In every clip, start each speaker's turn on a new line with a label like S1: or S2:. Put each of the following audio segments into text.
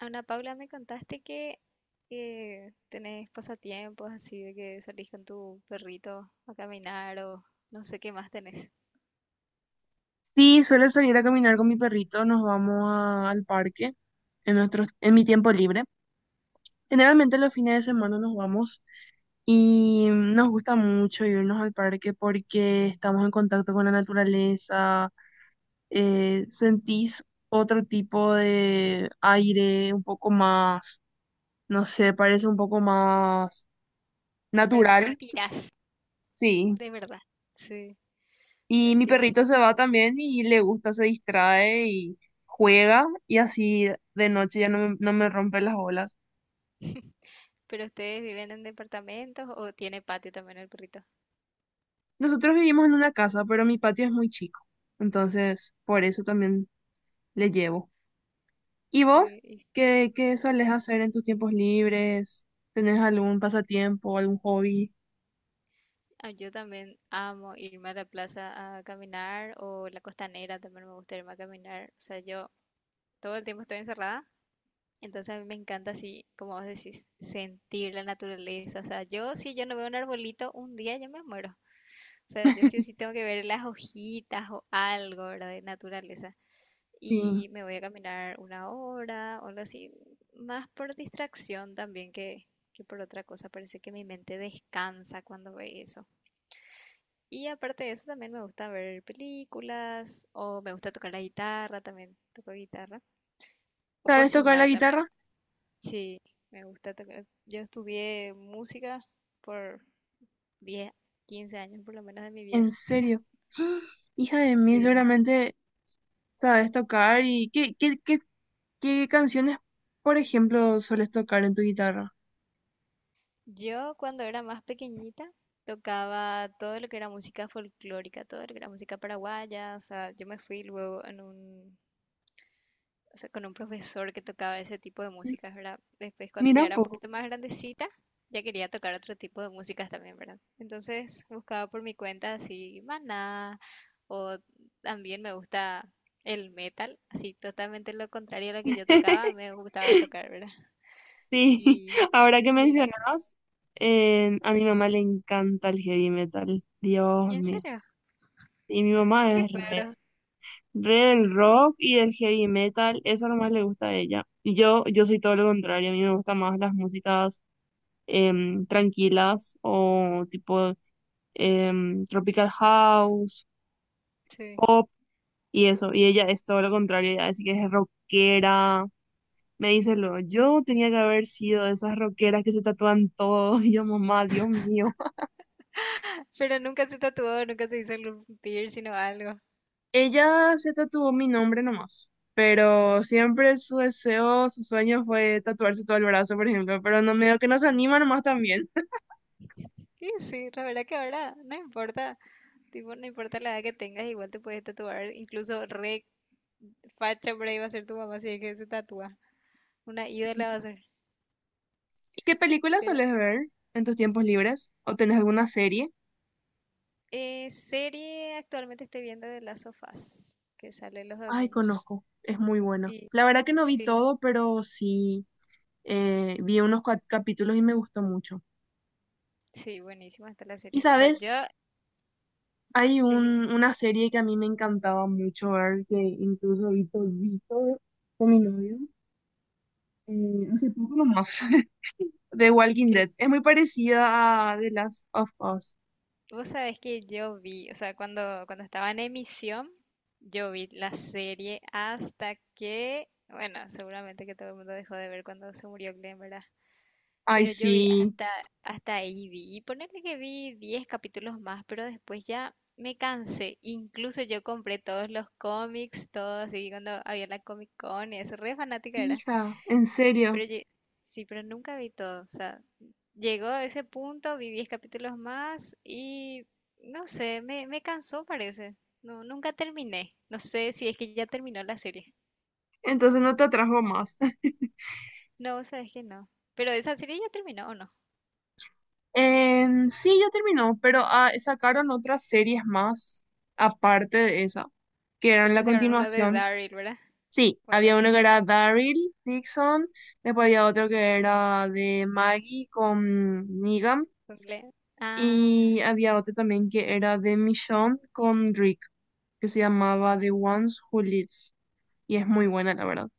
S1: Ana Paula, me contaste que tenés pasatiempos así de que salís con tu perrito a caminar o no sé qué más tenés.
S2: Sí, suelo salir a caminar con mi perrito, nos vamos al parque en mi tiempo libre. Generalmente los fines de semana nos vamos y nos gusta mucho irnos al parque porque estamos en contacto con la naturaleza, sentís otro tipo de aire, un poco más, no sé, parece un poco más
S1: Parece que
S2: natural.
S1: respirás,
S2: Sí.
S1: de verdad. Sí, te
S2: Y mi
S1: entiendo
S2: perrito se va
S1: perfectamente.
S2: también y le gusta, se distrae y juega y así de noche no me rompe las bolas.
S1: ¿Pero ustedes viven en departamentos o tiene patio también el perrito?
S2: Nosotros vivimos en una casa, pero mi patio es muy chico, entonces por eso también le llevo. ¿Y vos?
S1: Sí,
S2: Qué solés hacer en tus tiempos libres? ¿Tenés algún pasatiempo, algún hobby?
S1: ah, yo también amo irme a la plaza a caminar o la costanera también me gusta irme a caminar. O sea, yo todo el tiempo estoy encerrada. Entonces a mí me encanta así, como vos decís, sentir la naturaleza. O sea, yo si yo no veo un arbolito, un día yo me muero. O sea, yo sí o sí tengo que ver las hojitas o algo, ¿verdad? De naturaleza.
S2: Sí.
S1: Y me voy a caminar una hora o algo así, más por distracción también que por otra cosa. Parece que mi mente descansa cuando ve eso. Y aparte de eso, también me gusta ver películas o me gusta tocar la guitarra también. Toco guitarra. O
S2: ¿Sabes tocar la
S1: cocinar
S2: guitarra?
S1: también. Sí, me gusta tocar. Yo estudié música por 10, 15 años por lo menos de mi vida.
S2: ¿En serio? Hija de mí,
S1: Sí.
S2: seguramente sabes tocar y qué canciones, por ejemplo, ¿sueles tocar en tu guitarra?
S1: Yo cuando era más pequeñita tocaba todo lo que era música folclórica, todo lo que era música paraguaya. O sea, yo me fui luego en un, o sea, con un profesor que tocaba ese tipo de músicas, ¿verdad? Después cuando
S2: Mira
S1: ya
S2: un
S1: era un
S2: poco.
S1: poquito más grandecita, ya quería tocar otro tipo de músicas también, ¿verdad? Entonces buscaba por mi cuenta así, Maná. O también me gusta el metal, así totalmente lo contrario a lo que yo tocaba, me gustaba tocar, ¿verdad?
S2: Sí,
S1: Y,
S2: ahora que
S1: y era,
S2: mencionas, a mi mamá le encanta el heavy metal. Dios
S1: ¿En
S2: mío.
S1: serio?
S2: Y mi mamá
S1: Qué
S2: es
S1: raro,
S2: re del rock y del heavy metal. Eso es lo más le gusta a ella. Y yo soy todo lo contrario. A mí me gustan más las músicas. Tranquilas o tipo Tropical House,
S1: sí.
S2: pop y eso. Y ella es todo lo contrario, ella dice que es rockera. Me dice luego, yo tenía que haber sido de esas rockeras que se tatúan todo. Y yo, mamá, Dios mío.
S1: Pero nunca se tatuó, nunca se hizo algún piercing o algo.
S2: Ella se tatuó mi nombre nomás. Pero siempre su deseo, su sueño fue tatuarse todo el brazo, por ejemplo. Pero no medio que no se anima nomás también.
S1: Y sí, la verdad que ahora no importa, tipo, no importa la edad que tengas, igual te puedes tatuar, incluso re facha por ahí va a ser tu mamá si es que se tatúa, una ídola va a ser.
S2: ¿Y qué películas
S1: Pero
S2: sueles ver en tus tiempos libres? ¿O tenés alguna serie?
S1: serie actualmente estoy viendo de las sofás que sale los
S2: Ay,
S1: domingos.
S2: conozco, es muy bueno.
S1: Y
S2: La verdad que no vi
S1: sí,
S2: todo, pero sí vi unos capítulos y me gustó mucho.
S1: Sí, buenísima está la
S2: Y
S1: serie. O sea,
S2: sabes,
S1: yo,
S2: hay
S1: decir
S2: una serie que a mí me encantaba mucho ver, que incluso vi todito con mi novio, hace poco nomás, de Walking
S1: que
S2: Dead.
S1: es-
S2: Es muy parecida a The Last of Us.
S1: vos sabés que yo vi, o sea, cuando estaba en emisión, yo vi la serie hasta que, bueno, seguramente que todo el mundo dejó de ver cuando se murió Glenn, ¿verdad?
S2: Ay,
S1: Pero
S2: sí,
S1: hasta ahí vi, y ponerle que vi 10 capítulos más, pero después ya me cansé. Incluso yo compré todos los cómics, todos, y cuando había la Comic Con, y eso, re fanática era.
S2: hija, en serio.
S1: Pero yo- sí, pero nunca vi todo, o sea, llegó a ese punto, vi 10 capítulos más y no sé, me cansó parece. No, nunca terminé. No sé si es que ya terminó la serie.
S2: Entonces no te atrajo más.
S1: No, sabes que no. Pero esa serie ya terminó o no.
S2: En- sí, ya terminó, pero ah, sacaron otras series más aparte de esa, que eran
S1: Creo
S2: la
S1: que sacaron uno de
S2: continuación.
S1: Daryl, ¿verdad?
S2: Sí,
S1: O algo
S2: había uno
S1: así.
S2: que era Daryl Dixon, después había otro que era de Maggie con Negan,
S1: Con Glenn. Ah,
S2: y había otro también que era de Michonne con Rick, que se llamaba The Ones Who Lives, y es muy buena, la verdad.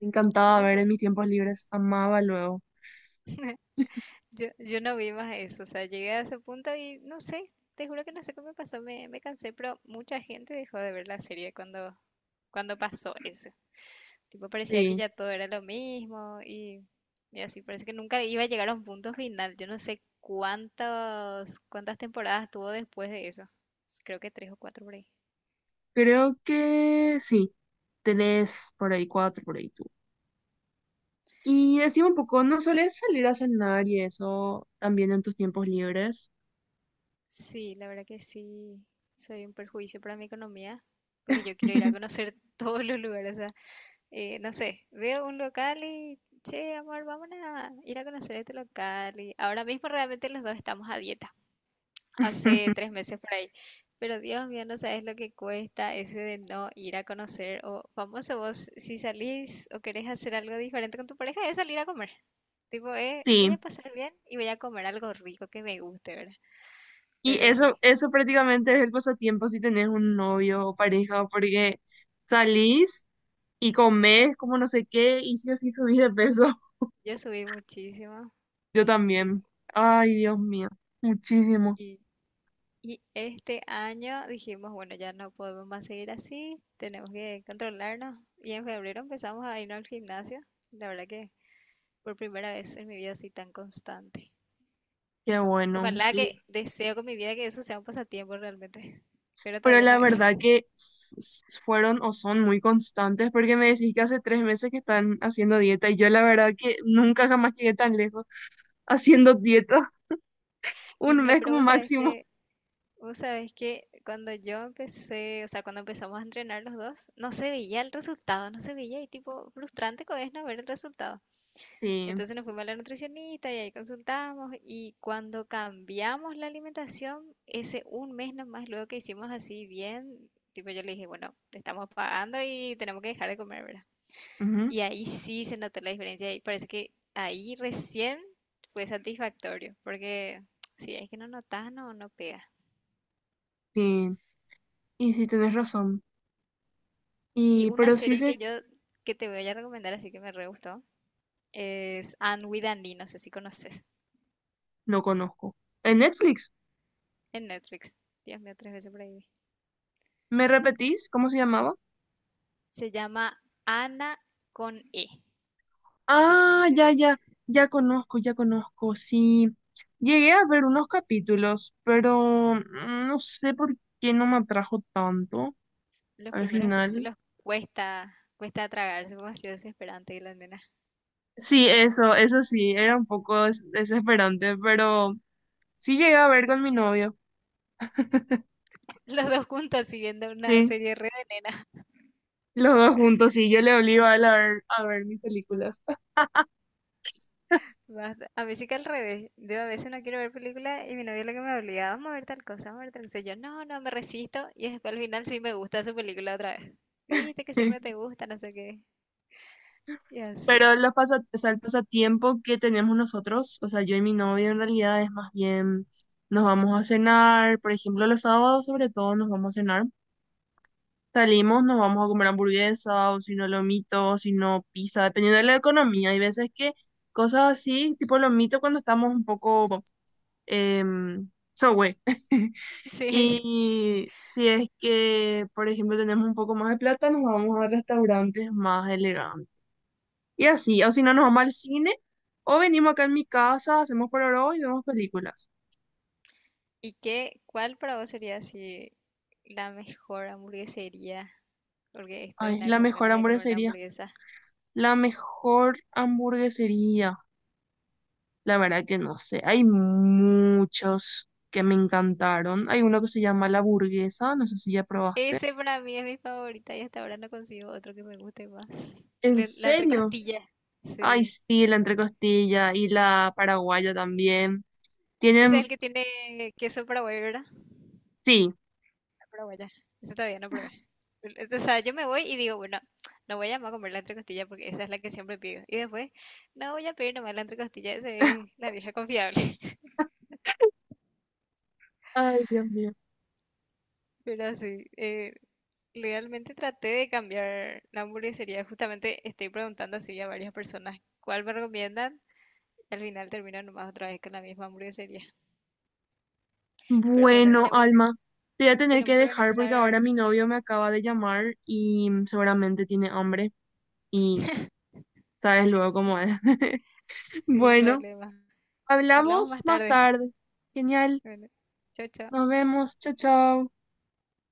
S2: Me encantaba
S1: mira,
S2: ver
S1: vos.
S2: en mis tiempos libres, amaba luego.
S1: Yo no vi más eso. O sea, llegué a ese punto y no sé. Te juro que no sé cómo me pasó. Me cansé, pero mucha gente dejó de ver la serie cuando pasó eso. Tipo, parecía que
S2: Sí,
S1: ya todo era lo mismo y así, parece que nunca iba a llegar a un punto final. Yo no sé cuántas temporadas tuvo después de eso. Creo que 3 o 4 por ahí.
S2: creo que sí, tres por ahí, cuatro por ahí. Y decime un poco, ¿no sueles salir a cenar y eso también en tus tiempos libres?
S1: Sí, la verdad que sí, soy un perjuicio para mi economía, porque yo quiero ir a conocer todos los lugares. O sea, no sé, veo un local y, che, amor, vamos a ir a conocer este local. Y ahora mismo realmente los dos estamos a dieta. Hace 3 meses por ahí. Pero Dios mío, no sabes lo que cuesta ese de no ir a conocer. O famoso vos, si salís o querés hacer algo diferente con tu pareja, es salir a comer. Tipo,
S2: Sí,
S1: voy a pasar bien y voy a comer algo rico que me guste, ¿verdad?
S2: y
S1: Pero sí,
S2: eso prácticamente es el pasatiempo si tenés un novio o pareja, porque salís y comés como no sé qué, y si así subís de peso,
S1: yo subí muchísimo,
S2: yo
S1: muchísimo.
S2: también. Ay, Dios mío, muchísimo,
S1: Y, y este año dijimos, bueno, ya no podemos más seguir así, tenemos que controlarnos. Y en febrero empezamos a irnos al gimnasio. La verdad que por primera vez en mi vida así tan constante.
S2: qué bueno.
S1: Ojalá que
S2: Y,
S1: deseo con mi vida que eso sea un pasatiempo realmente, pero
S2: pero
S1: todavía no
S2: la
S1: es.
S2: verdad que s- fueron o son muy constantes, porque me decís que hace tres meses que están haciendo dieta, y yo la verdad que nunca jamás llegué tan lejos. Haciendo dieta,
S1: Y
S2: un
S1: no,
S2: mes
S1: pero
S2: como máximo.
S1: vos sabés que cuando yo empecé, o sea, cuando empezamos a entrenar los dos, no se veía el resultado, no se veía y tipo frustrante que es no ver el resultado.
S2: Sí,
S1: Entonces nos fuimos a la nutricionista y ahí consultamos y cuando cambiamos la alimentación, ese un mes nomás luego que hicimos así bien, tipo yo le dije, bueno, te estamos pagando y tenemos que dejar de comer, ¿verdad?
S2: ujú,
S1: Y ahí sí se notó la diferencia y parece que ahí recién fue satisfactorio, porque si es que no notas, no pega.
S2: sí, y sí, tenés razón.
S1: Y
S2: Y,
S1: una
S2: pero
S1: serie
S2: Caesar,
S1: que te voy a recomendar, así que me re gustó, es Anne with an E, no sé si conoces,
S2: no conozco. En Netflix,
S1: en Netflix. Dios mío, 3 veces por ahí. Vi.
S2: ¿me repetís cómo se llamaba?
S1: Se llama Ana con E, así en
S2: Ah, ya,
S1: serio.
S2: ya, ya conozco, sí. Llegué a ver unos capítulos, pero mm, no sé por qué no me atrajo tanto
S1: Los
S2: al
S1: primeros
S2: final.
S1: capítulos cuesta, cuesta tragarse, como ha sido desesperante la nena.
S2: Sí, eso sí, era un poco desesperante, pero sí llegué a ver con mi novio.
S1: Los dos juntos siguiendo una
S2: Sí.
S1: serie re de nena.
S2: Los dos juntos, sí, yo le obligo a él a ver mis películas.
S1: Basta. A mí sí que al revés. Yo a veces no quiero ver películas y mi novio lo que me obligaba, vamos a ver tal cosa, vamos a ver tal cosa. Yo, no, me resisto. Y después al final sí me gusta su película otra vez. Viste que siempre te gusta, no sé qué. Y así.
S2: Pero los pasa, o sea, el pasatiempo que tenemos nosotros, o sea, yo y mi novio en realidad es más bien, nos vamos a cenar, por ejemplo, los sábados sobre todo nos vamos a cenar, salimos, nos vamos a comer hamburguesa, o si no lomito, o si no pizza, dependiendo de la economía. Hay veces que cosas así, tipo lomito cuando estamos un poco, eh, Subway.
S1: Sí.
S2: Y si es que, por ejemplo, tenemos un poco más de plata, nos vamos a restaurantes más elegantes. Y así, o si no, nos vamos al cine o venimos acá en mi casa, hacemos pororó y vemos películas.
S1: ¿Y qué, cuál para vos sería así la mejor hamburguesería? Porque estoy
S2: Ay,
S1: nada
S2: la
S1: con
S2: mejor
S1: ganas de comer una
S2: hamburguesería.
S1: hamburguesa.
S2: La mejor hamburguesería. La verdad que no sé. Hay muchos que me encantaron. Hay uno que se llama La Burguesa, no sé si ya probaste.
S1: Ese para mí es mi favorita y hasta ahora no consigo otro que me guste más.
S2: ¿En
S1: La
S2: serio?
S1: entrecostilla.
S2: Ay,
S1: Sí.
S2: sí, la entrecostilla y la paraguaya también.
S1: Ese es
S2: Tienen,
S1: el que tiene queso para, ¿verdad?
S2: sí.
S1: Pero bueno, eso todavía no probé. O sea, yo me voy y digo, bueno, no voy a llamar a comer la entrecostilla porque esa es la que siempre pido. Y después, no voy a pedir nomás la entrecostilla, esa es la vieja confiable.
S2: Ay, Dios mío.
S1: Pero sí, realmente traté de cambiar la hamburguesería. Justamente estoy preguntando así a varias personas cuál me recomiendan. Al final terminan nomás otra vez con la misma hamburguesería. Pero bueno,
S2: Bueno, Alma, te voy a tener que
S1: tenemos que
S2: dejar porque
S1: organizar.
S2: ahora mi novio me acaba de llamar y seguramente tiene hambre y sabes luego
S1: Sí,
S2: cómo es.
S1: sin
S2: Bueno,
S1: problema. Hablamos
S2: hablamos
S1: más
S2: más
S1: tarde.
S2: tarde. Genial.
S1: Bueno, chao, chao.
S2: Nos vemos. Chao, chao.